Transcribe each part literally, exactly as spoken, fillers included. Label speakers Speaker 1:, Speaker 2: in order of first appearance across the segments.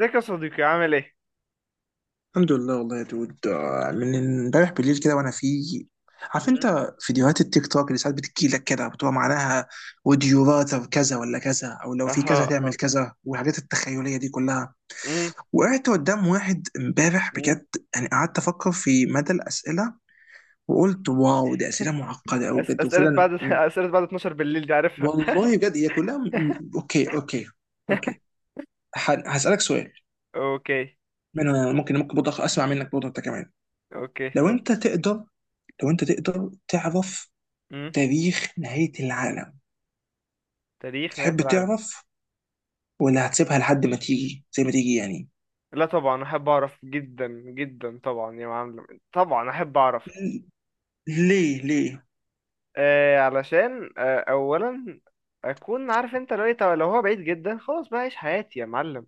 Speaker 1: ازيك يا صديقي؟ عامل ايه؟
Speaker 2: الحمد لله والله يا دود آه، من امبارح بالليل كده وانا في. عارف
Speaker 1: مم.
Speaker 2: انت فيديوهات التيك توك اللي ساعات بتجي لك كده بتبقى معناها would you rather كذا ولا كذا او لو في كذا
Speaker 1: اها اها.
Speaker 2: تعمل كذا والحاجات التخيليه دي كلها.
Speaker 1: مم.
Speaker 2: وقعدت قدام واحد امبارح
Speaker 1: مم.
Speaker 2: بجد، يعني قعدت افكر في مدى الاسئله، وقلت واو، دي اسئله معقده قوي
Speaker 1: أس
Speaker 2: بجد.
Speaker 1: أسئلة
Speaker 2: وفعلا
Speaker 1: بعد
Speaker 2: م-
Speaker 1: أسئلة بعد اتناشر بالليل، دي عارفها.
Speaker 2: والله بجد هي كلها م- م- اوكي اوكي اوكي، ه- هسالك سؤال.
Speaker 1: اوكي
Speaker 2: من ممكن، ممكن برضه اسمع منك برضه انت كمان.
Speaker 1: اوكي،
Speaker 2: لو
Speaker 1: اتفضل.
Speaker 2: انت تقدر، لو انت تقدر تعرف
Speaker 1: مم.
Speaker 2: تاريخ نهاية العالم،
Speaker 1: تاريخ نهاية
Speaker 2: تحب
Speaker 1: العالم.
Speaker 2: تعرف؟ ولا هتسيبها لحد ما تيجي زي ما تيجي يعني؟
Speaker 1: لا طبعا، احب اعرف جدا جدا، طبعا يا معلم، طبعا احب اعرف.
Speaker 2: ليه ليه؟
Speaker 1: آه علشان آه اولا اكون عارف انت لو إيه، لو هو بعيد جدا خلاص بقى عيش حياتي يا معلم.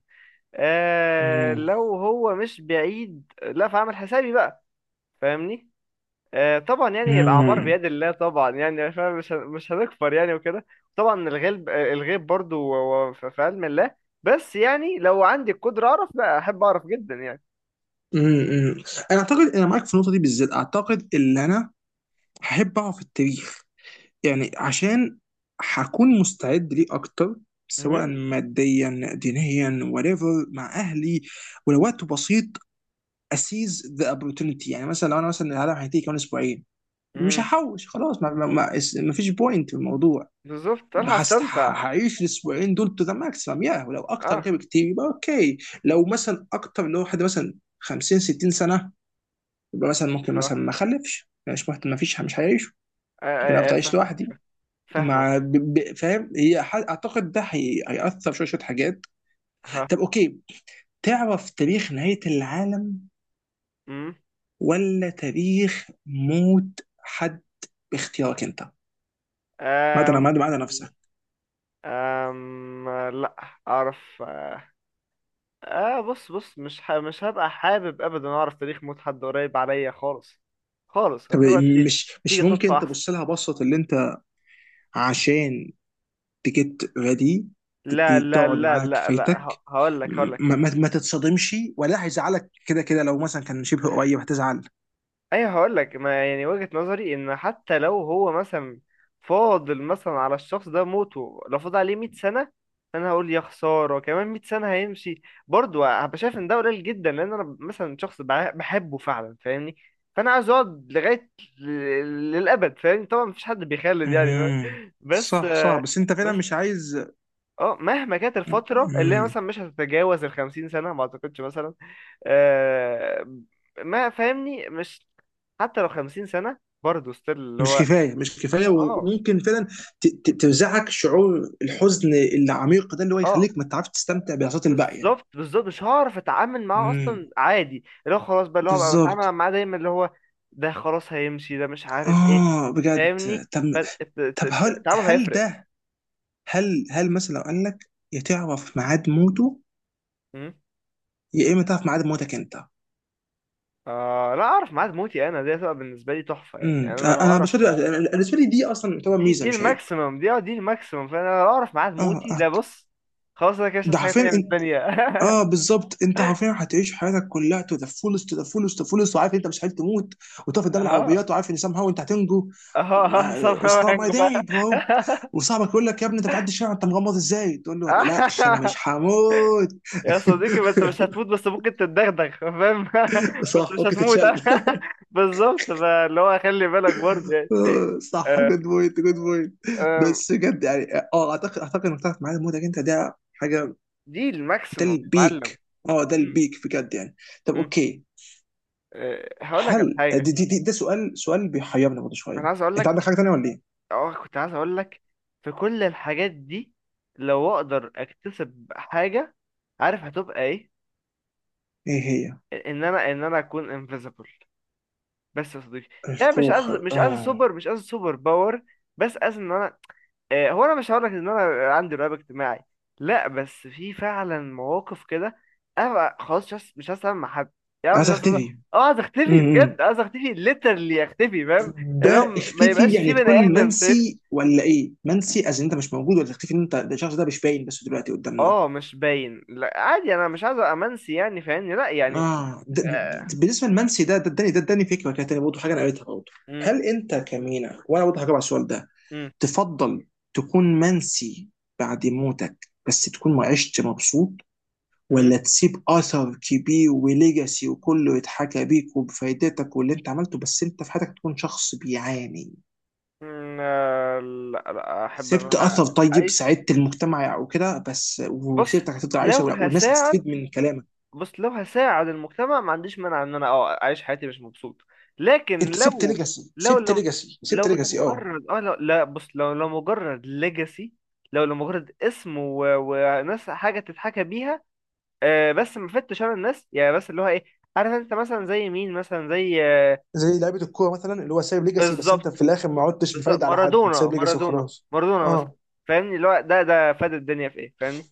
Speaker 1: آه
Speaker 2: مم.
Speaker 1: لو هو مش بعيد، لا فاعمل حسابي بقى. فاهمني. آه، طبعا يعني الاعمار
Speaker 2: مم.
Speaker 1: بيد الله، طبعا يعني فاهم، مش هن- مش هنكفر يعني وكده. طبعا الغيب، آه، الغيب برضو هو- هو في في علم الله. بس يعني لو عندي القدره اعرف، لا احب اعرف جدا يعني.
Speaker 2: مم. انا اعتقد انا معاك في النقطة دي بالذات. اعتقد ان انا هحب اعرف التاريخ، يعني عشان هكون مستعد ليه اكتر، سواء
Speaker 1: امم
Speaker 2: ماديا دينيا whatever، مع اهلي. ولو وقت بسيط اسيز ذا opportunity. يعني مثلا لو انا مثلا العالم هينتهي كمان اسبوعين، مش
Speaker 1: امم.
Speaker 2: هحوش خلاص، ما, ما, ما, ما فيش بوينت في الموضوع.
Speaker 1: بالظبط، الحق
Speaker 2: بحس ه-
Speaker 1: استمتع.
Speaker 2: هعيش الاسبوعين دول تو ذا ماكسيمم، يا ولو اكتر من
Speaker 1: اه.
Speaker 2: كده بكتير يبقى اوكي. لو مثلا اكتر، اللي هو حد مثلا خمسين ستين سنه، يبقى مثلا ممكن مثلا
Speaker 1: ها.
Speaker 2: ما اخلفش، مش مهتم، ما فيش، مش هيعيش.
Speaker 1: آه،
Speaker 2: ممكن
Speaker 1: آه، آه،
Speaker 2: افضل اعيش
Speaker 1: فاهمك.
Speaker 2: لوحدي مع
Speaker 1: فاهمك.
Speaker 2: ب- ب- فاهم؟ هي ح- اعتقد ده هي- هيأثر شويه شويه حاجات.
Speaker 1: ها.
Speaker 2: طب اوكي، تعرف تاريخ نهايه العالم
Speaker 1: امم.
Speaker 2: ولا تاريخ موت حد؟ باختيارك انت. ما عدا
Speaker 1: أم...
Speaker 2: ما عدا ما عدا نفسك.
Speaker 1: أم... لا. اعرف. اه بص بص، مش ح... مش هبقى حابب ابدا اعرف تاريخ موت حد قريب عليا خالص. خالص،
Speaker 2: طب
Speaker 1: هتبقى ت-
Speaker 2: مش مش
Speaker 1: تيجي صدفة
Speaker 2: ممكن
Speaker 1: احسن.
Speaker 2: تبص لها بصة اللي انت، عشان تجيت ريدي،
Speaker 1: لا لا
Speaker 2: تقعد
Speaker 1: لا
Speaker 2: معاه
Speaker 1: لا لا،
Speaker 2: كفايتك؟
Speaker 1: ه... هقول لك هقول لك
Speaker 2: ما, ما, ما تتصدمش. ولا هيزعلك كده كده لو مثلا كان شبه قريب هتزعل.
Speaker 1: ايوه هقول لك، ما يعني وجهة نظري ان حتى لو هو مثلا فاضل مثلا على الشخص ده موته، لو فاضل عليه 100 سنة، انا هقول يا خسارة، كمان 100 سنة هيمشي. برضه هبقى شايف ان ده قليل جدا، لان انا مثلا شخص بع- بحبه فعلا فاهمني. فانا عايز اقعد لغاية ل- للابد، فاهمني. طبعا مفيش حد بيخلد يعني.
Speaker 2: امم.
Speaker 1: بس.
Speaker 2: صح صح، بس انت فعلا
Speaker 1: بس
Speaker 2: مش عايز.
Speaker 1: اه، مهما كانت الفترة اللي هي
Speaker 2: مم.
Speaker 1: مثلا مش هتتجاوز الخمسين سنة، ما اعتقدش مثلا. آه. ما فاهمني مش، حتى لو خمسين سنة، برضه ستيل اللي
Speaker 2: مش
Speaker 1: هو.
Speaker 2: كفايه مش كفايه.
Speaker 1: اه.
Speaker 2: وممكن فعلا ت- ت- ترزعك شعور الحزن العميق ده اللي هو
Speaker 1: اه
Speaker 2: يخليك ما تعرفش تستمتع بلحظات الباقيه.
Speaker 1: بالظبط بالظبط، مش هعرف اتعامل معاه
Speaker 2: امم،
Speaker 1: اصلا، عادي اللي هو خلاص بقى اللي هو بقى بتعامل
Speaker 2: بالظبط.
Speaker 1: معاه دايما اللي هو، ده خلاص هيمشي ده مش عارف ايه.
Speaker 2: اه بجد.
Speaker 1: فاهمني.
Speaker 2: طب، طب هل
Speaker 1: فالتعامل
Speaker 2: هل
Speaker 1: هيفرق.
Speaker 2: ده هل هل مثلا لو قال لك، يا تعرف ميعاد موته،
Speaker 1: مم.
Speaker 2: يا اما تعرف ميعاد موتك انت؟
Speaker 1: آه لا، اعرف ميعاد موتي انا، دي هتبقى بالنسبة لي تحفة يعني.
Speaker 2: امم.
Speaker 1: انا لو
Speaker 2: انا بالنسبه
Speaker 1: اعرف،
Speaker 2: لي أنا بالنسبه لي دي اصلا تعتبر
Speaker 1: دي
Speaker 2: ميزه،
Speaker 1: دي
Speaker 2: مش عيب.
Speaker 1: الماكسيمم، دي اه دي الماكسيمم. فانا لو اعرف ميعاد
Speaker 2: اه
Speaker 1: موتي ده
Speaker 2: آه.
Speaker 1: بص، خلاص انا كده مش عايز
Speaker 2: ده
Speaker 1: حاجه
Speaker 2: حرفيا
Speaker 1: تانيه من
Speaker 2: انت،
Speaker 1: الدنيا.
Speaker 2: اه بالظبط، انت حرفيا هتعيش حياتك كلها تو ذا فولست تو ذا فولست تو ذا فولست وعارف انت مش هتموت. وتقف قدام
Speaker 1: اه
Speaker 2: العربيات وعارف ان سام هاو انت هتنجو.
Speaker 1: اه اه،
Speaker 2: اتس
Speaker 1: somehow
Speaker 2: نوت ماي
Speaker 1: هنجو
Speaker 2: داي
Speaker 1: بقى.
Speaker 2: برو. وصاحبك يقول لك يا ابني انت بتعدي الشارع انت مغمض ازاي؟ تقول له ما تقلقش انا مش هموت.
Speaker 1: يا صديقي، ما انت مش هتموت، بس ممكن تتدغدغ فاهم. بس
Speaker 2: صح،
Speaker 1: مش
Speaker 2: ممكن
Speaker 1: هتموت.
Speaker 2: تتشل.
Speaker 1: بالظبط، فاللي هو خلي بالك برضه يعني.
Speaker 2: آه، صح،
Speaker 1: آه،
Speaker 2: جود بوينت جود بويت.
Speaker 1: آه،
Speaker 2: بس بجد يعني، اه اعتقد اعتقد انك تعرف معايا، مودك انت ده حاجه،
Speaker 1: دي
Speaker 2: ده
Speaker 1: الماكسيمم يا معلم.
Speaker 2: البيك. اه ده
Speaker 1: م-
Speaker 2: البيك بجد يعني. طب
Speaker 1: م.
Speaker 2: اوكي،
Speaker 1: آه، هقول لك على
Speaker 2: هل آه،
Speaker 1: حاجه.
Speaker 2: دي دي, دي ده سؤال سؤال بيحيرني برضه
Speaker 1: انا
Speaker 2: شويه.
Speaker 1: عايز اقول
Speaker 2: انت عندك
Speaker 1: لك،
Speaker 2: حاجه تانيه ولا ايه؟
Speaker 1: اه كنت عايز اقول لك، في كل الحاجات دي، لو اقدر اكتسب حاجة، عارف هتبقى ايه؟
Speaker 2: ايه هي؟
Speaker 1: ان انا ان انا اكون انفيزبل. بس يا صديقي، يعني مش
Speaker 2: القوه
Speaker 1: عايز
Speaker 2: الخارقة.
Speaker 1: مش عايز
Speaker 2: اه،
Speaker 1: سوبر مش عايز سوبر باور، بس عايز ان انا، آه هو انا مش هقول لك ان انا عندي رهاب اجتماعي، لا بس في فعلا مواقف كده انا بقى خلاص مش عايز مش عايز اتعامل مع حد. يعني مش
Speaker 2: عايز
Speaker 1: عايز أتعامل-
Speaker 2: اختفي.
Speaker 1: اه عايز اختفي
Speaker 2: امم.
Speaker 1: بجد، عايز اختفي ليترلي اختفي فاهم، اللي هو
Speaker 2: ده
Speaker 1: ما
Speaker 2: اختفي
Speaker 1: يبقاش في
Speaker 2: يعني
Speaker 1: بني
Speaker 2: تكون
Speaker 1: ادم شايفني.
Speaker 2: منسي ولا ايه؟ منسي از انت مش موجود، ولا تختفي ان انت ده الشخص ده مش باين بس دلوقتي قدامنا؟
Speaker 1: اه مش باين، لا عادي انا مش عايز امنسي يعني فاهمني، لا يعني.
Speaker 2: اه ده
Speaker 1: آه،
Speaker 2: ده- بالنسبه لمنسي، ده ده اداني، ده اداني فكره كانت برضه حاجه انا قريتها برضه.
Speaker 1: مم،
Speaker 2: هل انت كمينا، وانا برضه هجاوب على السؤال ده؟
Speaker 1: مم،
Speaker 2: تفضل تكون منسي بعد موتك، بس تكون ما عشت مبسوط،
Speaker 1: مم،
Speaker 2: ولا تسيب اثر كبير وليجاسي وكله يتحكى بيك وبفايدتك واللي انت عملته، بس انت في حياتك تكون شخص بيعاني؟
Speaker 1: مم، آه، لا لا احب ان
Speaker 2: سبت
Speaker 1: انا
Speaker 2: اثر طيب،
Speaker 1: اعيش.
Speaker 2: ساعدت المجتمع وكده، بس
Speaker 1: بص،
Speaker 2: وسيرتك هتفضل
Speaker 1: لو
Speaker 2: عايشه والناس
Speaker 1: هساعد،
Speaker 2: هتستفيد من كلامك.
Speaker 1: بص لو هساعد المجتمع ما عنديش مانع ان انا اه اعيش حياتي مش مبسوط. لكن
Speaker 2: انت سبت
Speaker 1: لو،
Speaker 2: ليجاسي
Speaker 1: لو
Speaker 2: سبت
Speaker 1: لو
Speaker 2: ليجاسي سبت
Speaker 1: لو
Speaker 2: ليجاسي، اه.
Speaker 1: لمجرد اه لو لا بص لو لو مجرد ليجاسي، لو لمجرد اسم و... وناس حاجه تتحكى بيها، آه بس ما فدتش انا الناس يعني، بس اللي هو ايه، عارف انت مثلا زي مين؟ مثلا زي،
Speaker 2: زي لعيبه الكوره مثلا اللي هو سايب ليجاسي، بس انت
Speaker 1: بالظبط
Speaker 2: في الاخر ما عدتش
Speaker 1: بالظبط،
Speaker 2: بفايده على حد. انت
Speaker 1: مارادونا
Speaker 2: سايب ليجاسي
Speaker 1: مارادونا
Speaker 2: وخلاص.
Speaker 1: مارادونا مثلا.
Speaker 2: اه
Speaker 1: فاهمني اللي هو ده ده فاد الدنيا في ايه فاهمني؟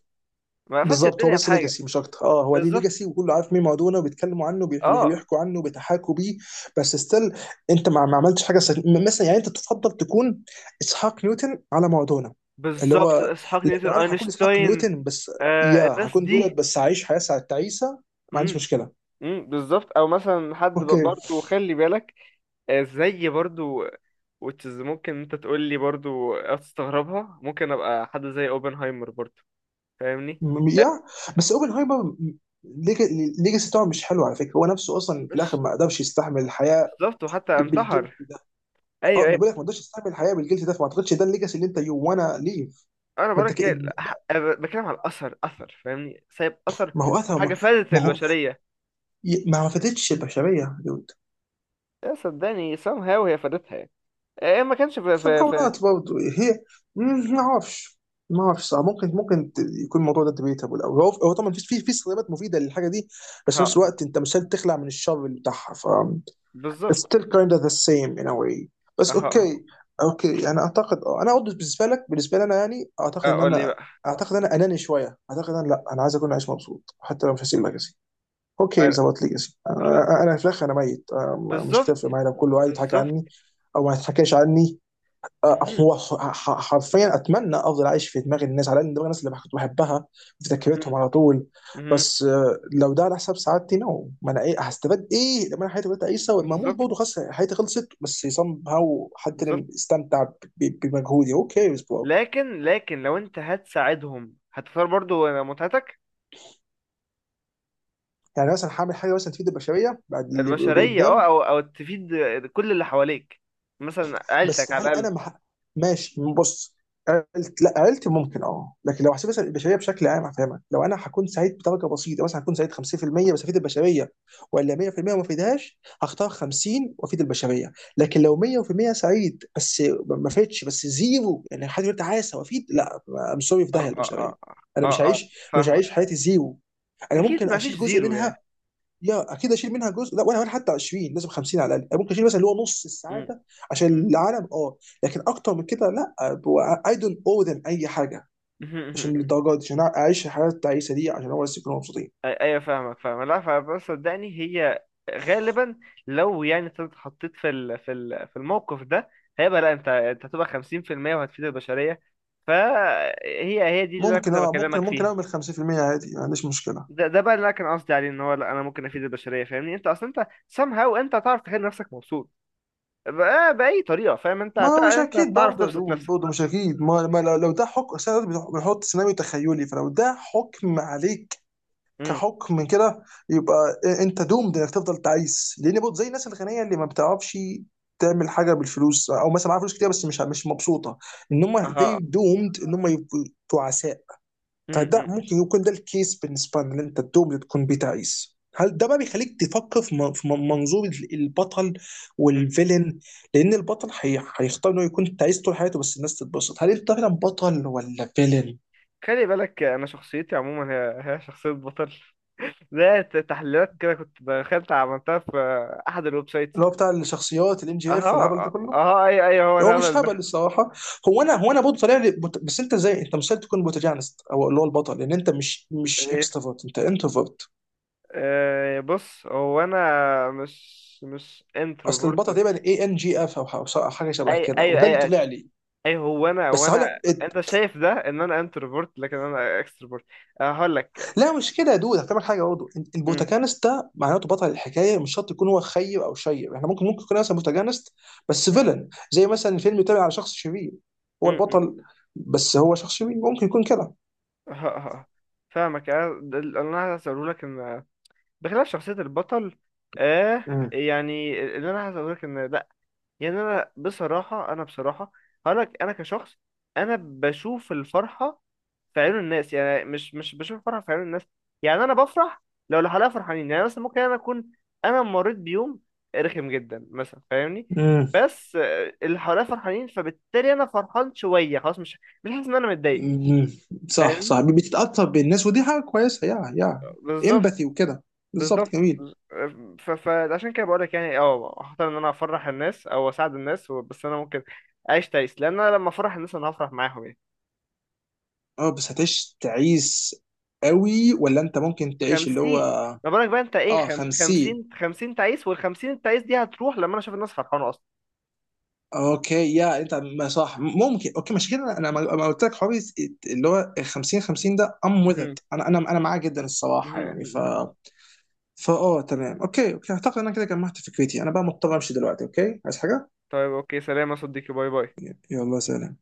Speaker 1: ما فادش
Speaker 2: بالظبط، هو
Speaker 1: الدنيا في
Speaker 2: بس
Speaker 1: حاجه.
Speaker 2: ليجاسي مش اكتر. اه هو ليه
Speaker 1: بالظبط.
Speaker 2: ليجاسي وكله عارف مين مارادونا وبيتكلموا عنه بيح- بيح-
Speaker 1: اه.
Speaker 2: بيحكوا عنه، بيتحاكوا بيه. بس ستيل انت ما ما عملتش حاجه سك... م- مثلا. يعني انت تفضل تكون اسحاق نيوتن على مارادونا؟ اللي
Speaker 1: بالظبط،
Speaker 2: هو
Speaker 1: اسحاق
Speaker 2: ل-
Speaker 1: نيوتن،
Speaker 2: لو انا هكون اسحاق
Speaker 1: اينشتاين.
Speaker 2: نيوتن بس، يا
Speaker 1: آه الناس
Speaker 2: هكون دولت
Speaker 1: دي.
Speaker 2: بس هعيش حياه ساعه تعيسه، ما عنديش
Speaker 1: امم.
Speaker 2: مشكله.
Speaker 1: امم بالظبط، او مثلا حد ب-
Speaker 2: اوكي
Speaker 1: برضو خلي بالك. آه زي برضو، وتشز ممكن انت تقول لي برضو هتستغربها، ممكن ابقى حد زي اوبنهايمر برضو. فاهمني.
Speaker 2: م-
Speaker 1: آه،
Speaker 2: يا، بس اوبنهايمر الليجاسي بتاعه مش حلو على فكره. هو نفسه اصلا في الاخر
Speaker 1: مش،
Speaker 2: ما قدرش يستحمل الحياه
Speaker 1: بالظبط وحتى
Speaker 2: ب- بالجلد
Speaker 1: انتحر.
Speaker 2: ده.
Speaker 1: ايوه
Speaker 2: اه ما
Speaker 1: ايوه.
Speaker 2: بقول لك، ما قدرش يستحمل الحياه بالجلد ده، فما اعتقدش ده الليجاسي اللي انت يو وانا ليف.
Speaker 1: انا
Speaker 2: ما انت
Speaker 1: بقولك
Speaker 2: ك...
Speaker 1: يعني،
Speaker 2: ده-
Speaker 1: ح- أنا بتكلم على الاثر، اثر فاهمني، سايب اثر
Speaker 2: ما هو اثر،
Speaker 1: وحاجه
Speaker 2: ما,
Speaker 1: فادت
Speaker 2: ما هو
Speaker 1: البشريه.
Speaker 2: ي- ما فاتتش البشريه يا دود.
Speaker 1: يا صدقني somehow هي فادتها يعني. إيه إيه، ما كانش في في
Speaker 2: somehow
Speaker 1: في
Speaker 2: not برضه هي. مم، ما اعرفش. ما اعرفش، صح، ممكن ممكن ت- يكون الموضوع ده debatable. او هو هو طبعا في في في سلبيات مفيده للحاجه دي، بس في
Speaker 1: ها.
Speaker 2: نفس الوقت انت مش قادر تخلع من الشر اللي بتاعها. It's
Speaker 1: بالظبط.
Speaker 2: still kind of the same in a way.
Speaker 1: ها
Speaker 2: بس
Speaker 1: ها.
Speaker 2: اوكي، اوكي يعني اعتقد، اه انا برضه بالنسبه لك، بالنسبه لي انا يعني اعتقد ان
Speaker 1: اقول لي
Speaker 2: انا،
Speaker 1: بقى.
Speaker 2: اعتقد ان انا اناني شويه. اعتقد ان لا، انا عايز اكون عايش مبسوط حتى لو مش هسيب ليجاسي. اوكي
Speaker 1: أه،
Speaker 2: ظبط ليجاسي،
Speaker 1: لا،
Speaker 2: انا أنا في الاخر انا ميت، أنا مش
Speaker 1: بالظبط.
Speaker 2: هتفرق معايا لو كله قاعد يضحك
Speaker 1: بالظبط.
Speaker 2: عني او ما يضحكش عني. آه،
Speaker 1: مهم،
Speaker 2: هو ح- ح- حرفيا اتمنى افضل عايش في دماغ الناس، على الاقل دماغ الناس اللي كنت بحبها، في
Speaker 1: مهم،
Speaker 2: ذاكرتهم على طول.
Speaker 1: مهم،
Speaker 2: بس آه، لو ده على حساب سعادتي، نو. ما انا ايه هستفاد ايه لما انا حياتي بدات اعيشها، ولما اموت
Speaker 1: بالظبط.
Speaker 2: برضه خلاص حياتي خلصت، بس سام هاو حد
Speaker 1: بالظبط.
Speaker 2: اللي استمتع ب- ب- بمجهودي؟ اوكي بس
Speaker 1: لكن لكن لو انت هتساعدهم، هتختار برضو متعتك.
Speaker 2: يعني مثلا هعمل حاجه مثلا تفيد البشريه بعد اللي اللي
Speaker 1: البشريه اه
Speaker 2: قدام.
Speaker 1: او او تفيد كل اللي حواليك، مثلا عيلتك
Speaker 2: بس هل
Speaker 1: على الاقل.
Speaker 2: انا مح... ماشي، بص، عيلت لا عيلتي ممكن اه، لكن لو هسيب البشريه بشكل عام هفهمك. لو انا هكون سعيد بدرجه بسيطه مثلا، هكون سعيد خمسين في المية بس افيد البشريه، ولا مية في المية وما افيدهاش، هختار خمسين وافيد البشريه. لكن لو مية في المية سعيد بس ما افيدش، بس زيرو يعني حد يقول تعاسه وافيد، لا. ام سوري، في داهيه
Speaker 1: اه اه
Speaker 2: البشريه.
Speaker 1: اه اه.
Speaker 2: انا مش
Speaker 1: اه آه،
Speaker 2: هعيش، مش هعيش
Speaker 1: فاهمك.
Speaker 2: حياتي زيرو. انا
Speaker 1: اكيد
Speaker 2: ممكن
Speaker 1: ما فيش
Speaker 2: اشيل جزء
Speaker 1: زيرو يعني.
Speaker 2: منها، يا اكيد اشيل منها جزء، لا ولا ولا حتى عشرين، لازم خمسين على الاقل، ممكن اشيل مثلا اللي هو نص
Speaker 1: مم.
Speaker 2: السعاده عشان
Speaker 1: مم.
Speaker 2: العالم اه. لكن اكتر من كده لا، اي دونت او ذم اي حاجه. عشان الدرجات دي عشان اعيش الحياه التعيسه دي عشان هو بس يكونوا مبسوطين.
Speaker 1: أي- ايوه فاهمك، فاهم. لا فبس صدقني هي غالبا، لو يعني انت اتحطيت في ال... في ال... في الموقف ده، هيبقى لا، انت انت هتبقى خمسين في المية وهتفيد البشريه، فهي هي دي اللي انا
Speaker 2: ممكن
Speaker 1: كنت
Speaker 2: اه ممكن،
Speaker 1: بكلمك
Speaker 2: ممكن
Speaker 1: فيها.
Speaker 2: اعمل خمسين في المية عادي، ما عنديش مشكله.
Speaker 1: ده ده بقى اللي انا كان قصدي عليه، ان هو لا انا ممكن افيد البشريه فاهمني، انت اصلا انت somehow انت هتعرف تخلي نفسك مبسوط بأ- باي طريقه فاهم، انت هت...
Speaker 2: ما مش
Speaker 1: انت
Speaker 2: اكيد
Speaker 1: هتعرف
Speaker 2: برضه يا
Speaker 1: تبسط
Speaker 2: دود،
Speaker 1: نفسك.
Speaker 2: برضه مش اكيد. ما, ما لو لو ده حكم، أصل أنا بنحط سيناريو تخيلي، فلو ده حكم عليك
Speaker 1: امم.
Speaker 2: كحكم كده، يبقى انت دومد انك تفضل تعيس. لان برضه زي الناس الغنيه اللي ما بتعرفش تعمل حاجه بالفلوس او مثلا معاها فلوس كتير بس مش مش مبسوطه، ان هم
Speaker 1: اها.
Speaker 2: زي دومد ان هم يبقوا تعساء.
Speaker 1: امم،
Speaker 2: فده
Speaker 1: امم،
Speaker 2: ممكن يكون ده الكيس بالنسبه لنا، ان انت دومد تكون بتعيس. هل ده بقى
Speaker 1: امم.
Speaker 2: بيخليك تفكر في من- في من- منظور ال- البطل والفيلن؟ لان البطل هي- هيختار انه يكون تعيس طول حياته بس الناس تتبسط. هل انت فعلا بطل ولا فيلن؟
Speaker 1: خلي بالك، انا شخصيتي عموما هي هي شخصيه بطل. ده تحليلات كده كنت دخلت عملتها في احد الويب سايتس.
Speaker 2: اللي هو بتاع الشخصيات الام جي اف والهبل
Speaker 1: اها
Speaker 2: ده كله.
Speaker 1: اها، اي اي هو
Speaker 2: هو مش
Speaker 1: الهبل
Speaker 2: هبل
Speaker 1: ده.
Speaker 2: الصراحه. هو انا هو انا برضه طالع لي بت... بس انت زي، انت مستحيل تكون بروتاجانست او اللي هو البطل، لان انت مش مش
Speaker 1: ايه.
Speaker 2: اكستروفرت، انت انتروفرت.
Speaker 1: آه، بص هو انا مش مش
Speaker 2: اصل
Speaker 1: انتروفورت.
Speaker 2: البطل تقريبا اي ان جي اف او ح- أو حاجه شبه
Speaker 1: اي
Speaker 2: كده،
Speaker 1: اي
Speaker 2: وده اللي
Speaker 1: اي اي.
Speaker 2: طلع لي.
Speaker 1: أي هو انا هو
Speaker 2: بس هقول
Speaker 1: انا
Speaker 2: لك
Speaker 1: انت
Speaker 2: إت-
Speaker 1: شايف ده ان انا انتروفورت، لكن انا اكستروفورت. هقول لك.
Speaker 2: لا مش كده يا دود، هفهمك حاجه برضه.
Speaker 1: م-
Speaker 2: البروتاجانست ده معناته بطل الحكايه، مش شرط يكون هو خير او شير. احنا ممكن، ممكن يكون مثلا بروتاجانست بس
Speaker 1: م-
Speaker 2: فيلن، زي مثلا فيلم يتابع على شخص شرير، هو
Speaker 1: م- م.
Speaker 2: البطل بس هو شخص شرير، ممكن يكون كده.
Speaker 1: ه- ه- فاهمك، انا ده اللي انا هسأله لك، ان بخلاف شخصية البطل آه، يعني اللي أنا عايز أقولك إن لأ، يعني أنا بصراحة أنا بصراحة هقولك، أنا كشخص أنا بشوف الفرحة في عيون الناس، يعني مش مش بشوف الفرحة في عيون الناس، يعني أنا بفرح لو اللي حواليا فرحانين. يعني مثلا ممكن أنا أكون، أنا مريت بيوم رخم جدا مثلا فاهمني،
Speaker 2: مم.
Speaker 1: بس آه، اللي حواليا فرحانين فبالتالي أنا فرحان شوية، خلاص مش مش حاسس إن أنا متضايق.
Speaker 2: مم. صح
Speaker 1: فاهمني.
Speaker 2: صح، بتتأثر بالناس ودي حاجة كويسة، يا يا
Speaker 1: بالظبط.
Speaker 2: امباثي وكده. بالظبط
Speaker 1: بالظبط.
Speaker 2: جميل.
Speaker 1: ف- فعشان كده بقولك يعني، اه هختار ان انا افرح الناس او اساعد الناس و- بس انا ممكن اعيش تعيس، لان انا لما افرح الناس انا هفرح معاهم يعني.
Speaker 2: اه بس هتعيش تعيس قوي؟ ولا انت ممكن تعيش اللي هو
Speaker 1: خمسين، ما بالك بقى انت ايه!
Speaker 2: اه
Speaker 1: خم...
Speaker 2: خمسين.
Speaker 1: خمسين خمسين تعيس، والخمسين التعيس دي هتروح لما انا اشوف الناس فرحانة اصلا.
Speaker 2: اوكي، يا انت، ما صح، ممكن اوكي، مش كده، انا ما ما قلت لك حوار اللي هو خمسين خمسين ده ام وذ ات، انا انا انا معاه جدا الصراحة يعني. ف فا اه، تمام اوكي اوكي، اعتقد ان انا كده جمعت فكرتي. انا بقى مضطر امشي دلوقتي. اوكي عايز حاجة؟
Speaker 1: طيب اوكي، سلام يا صديقي، باي باي.
Speaker 2: يلا سلام.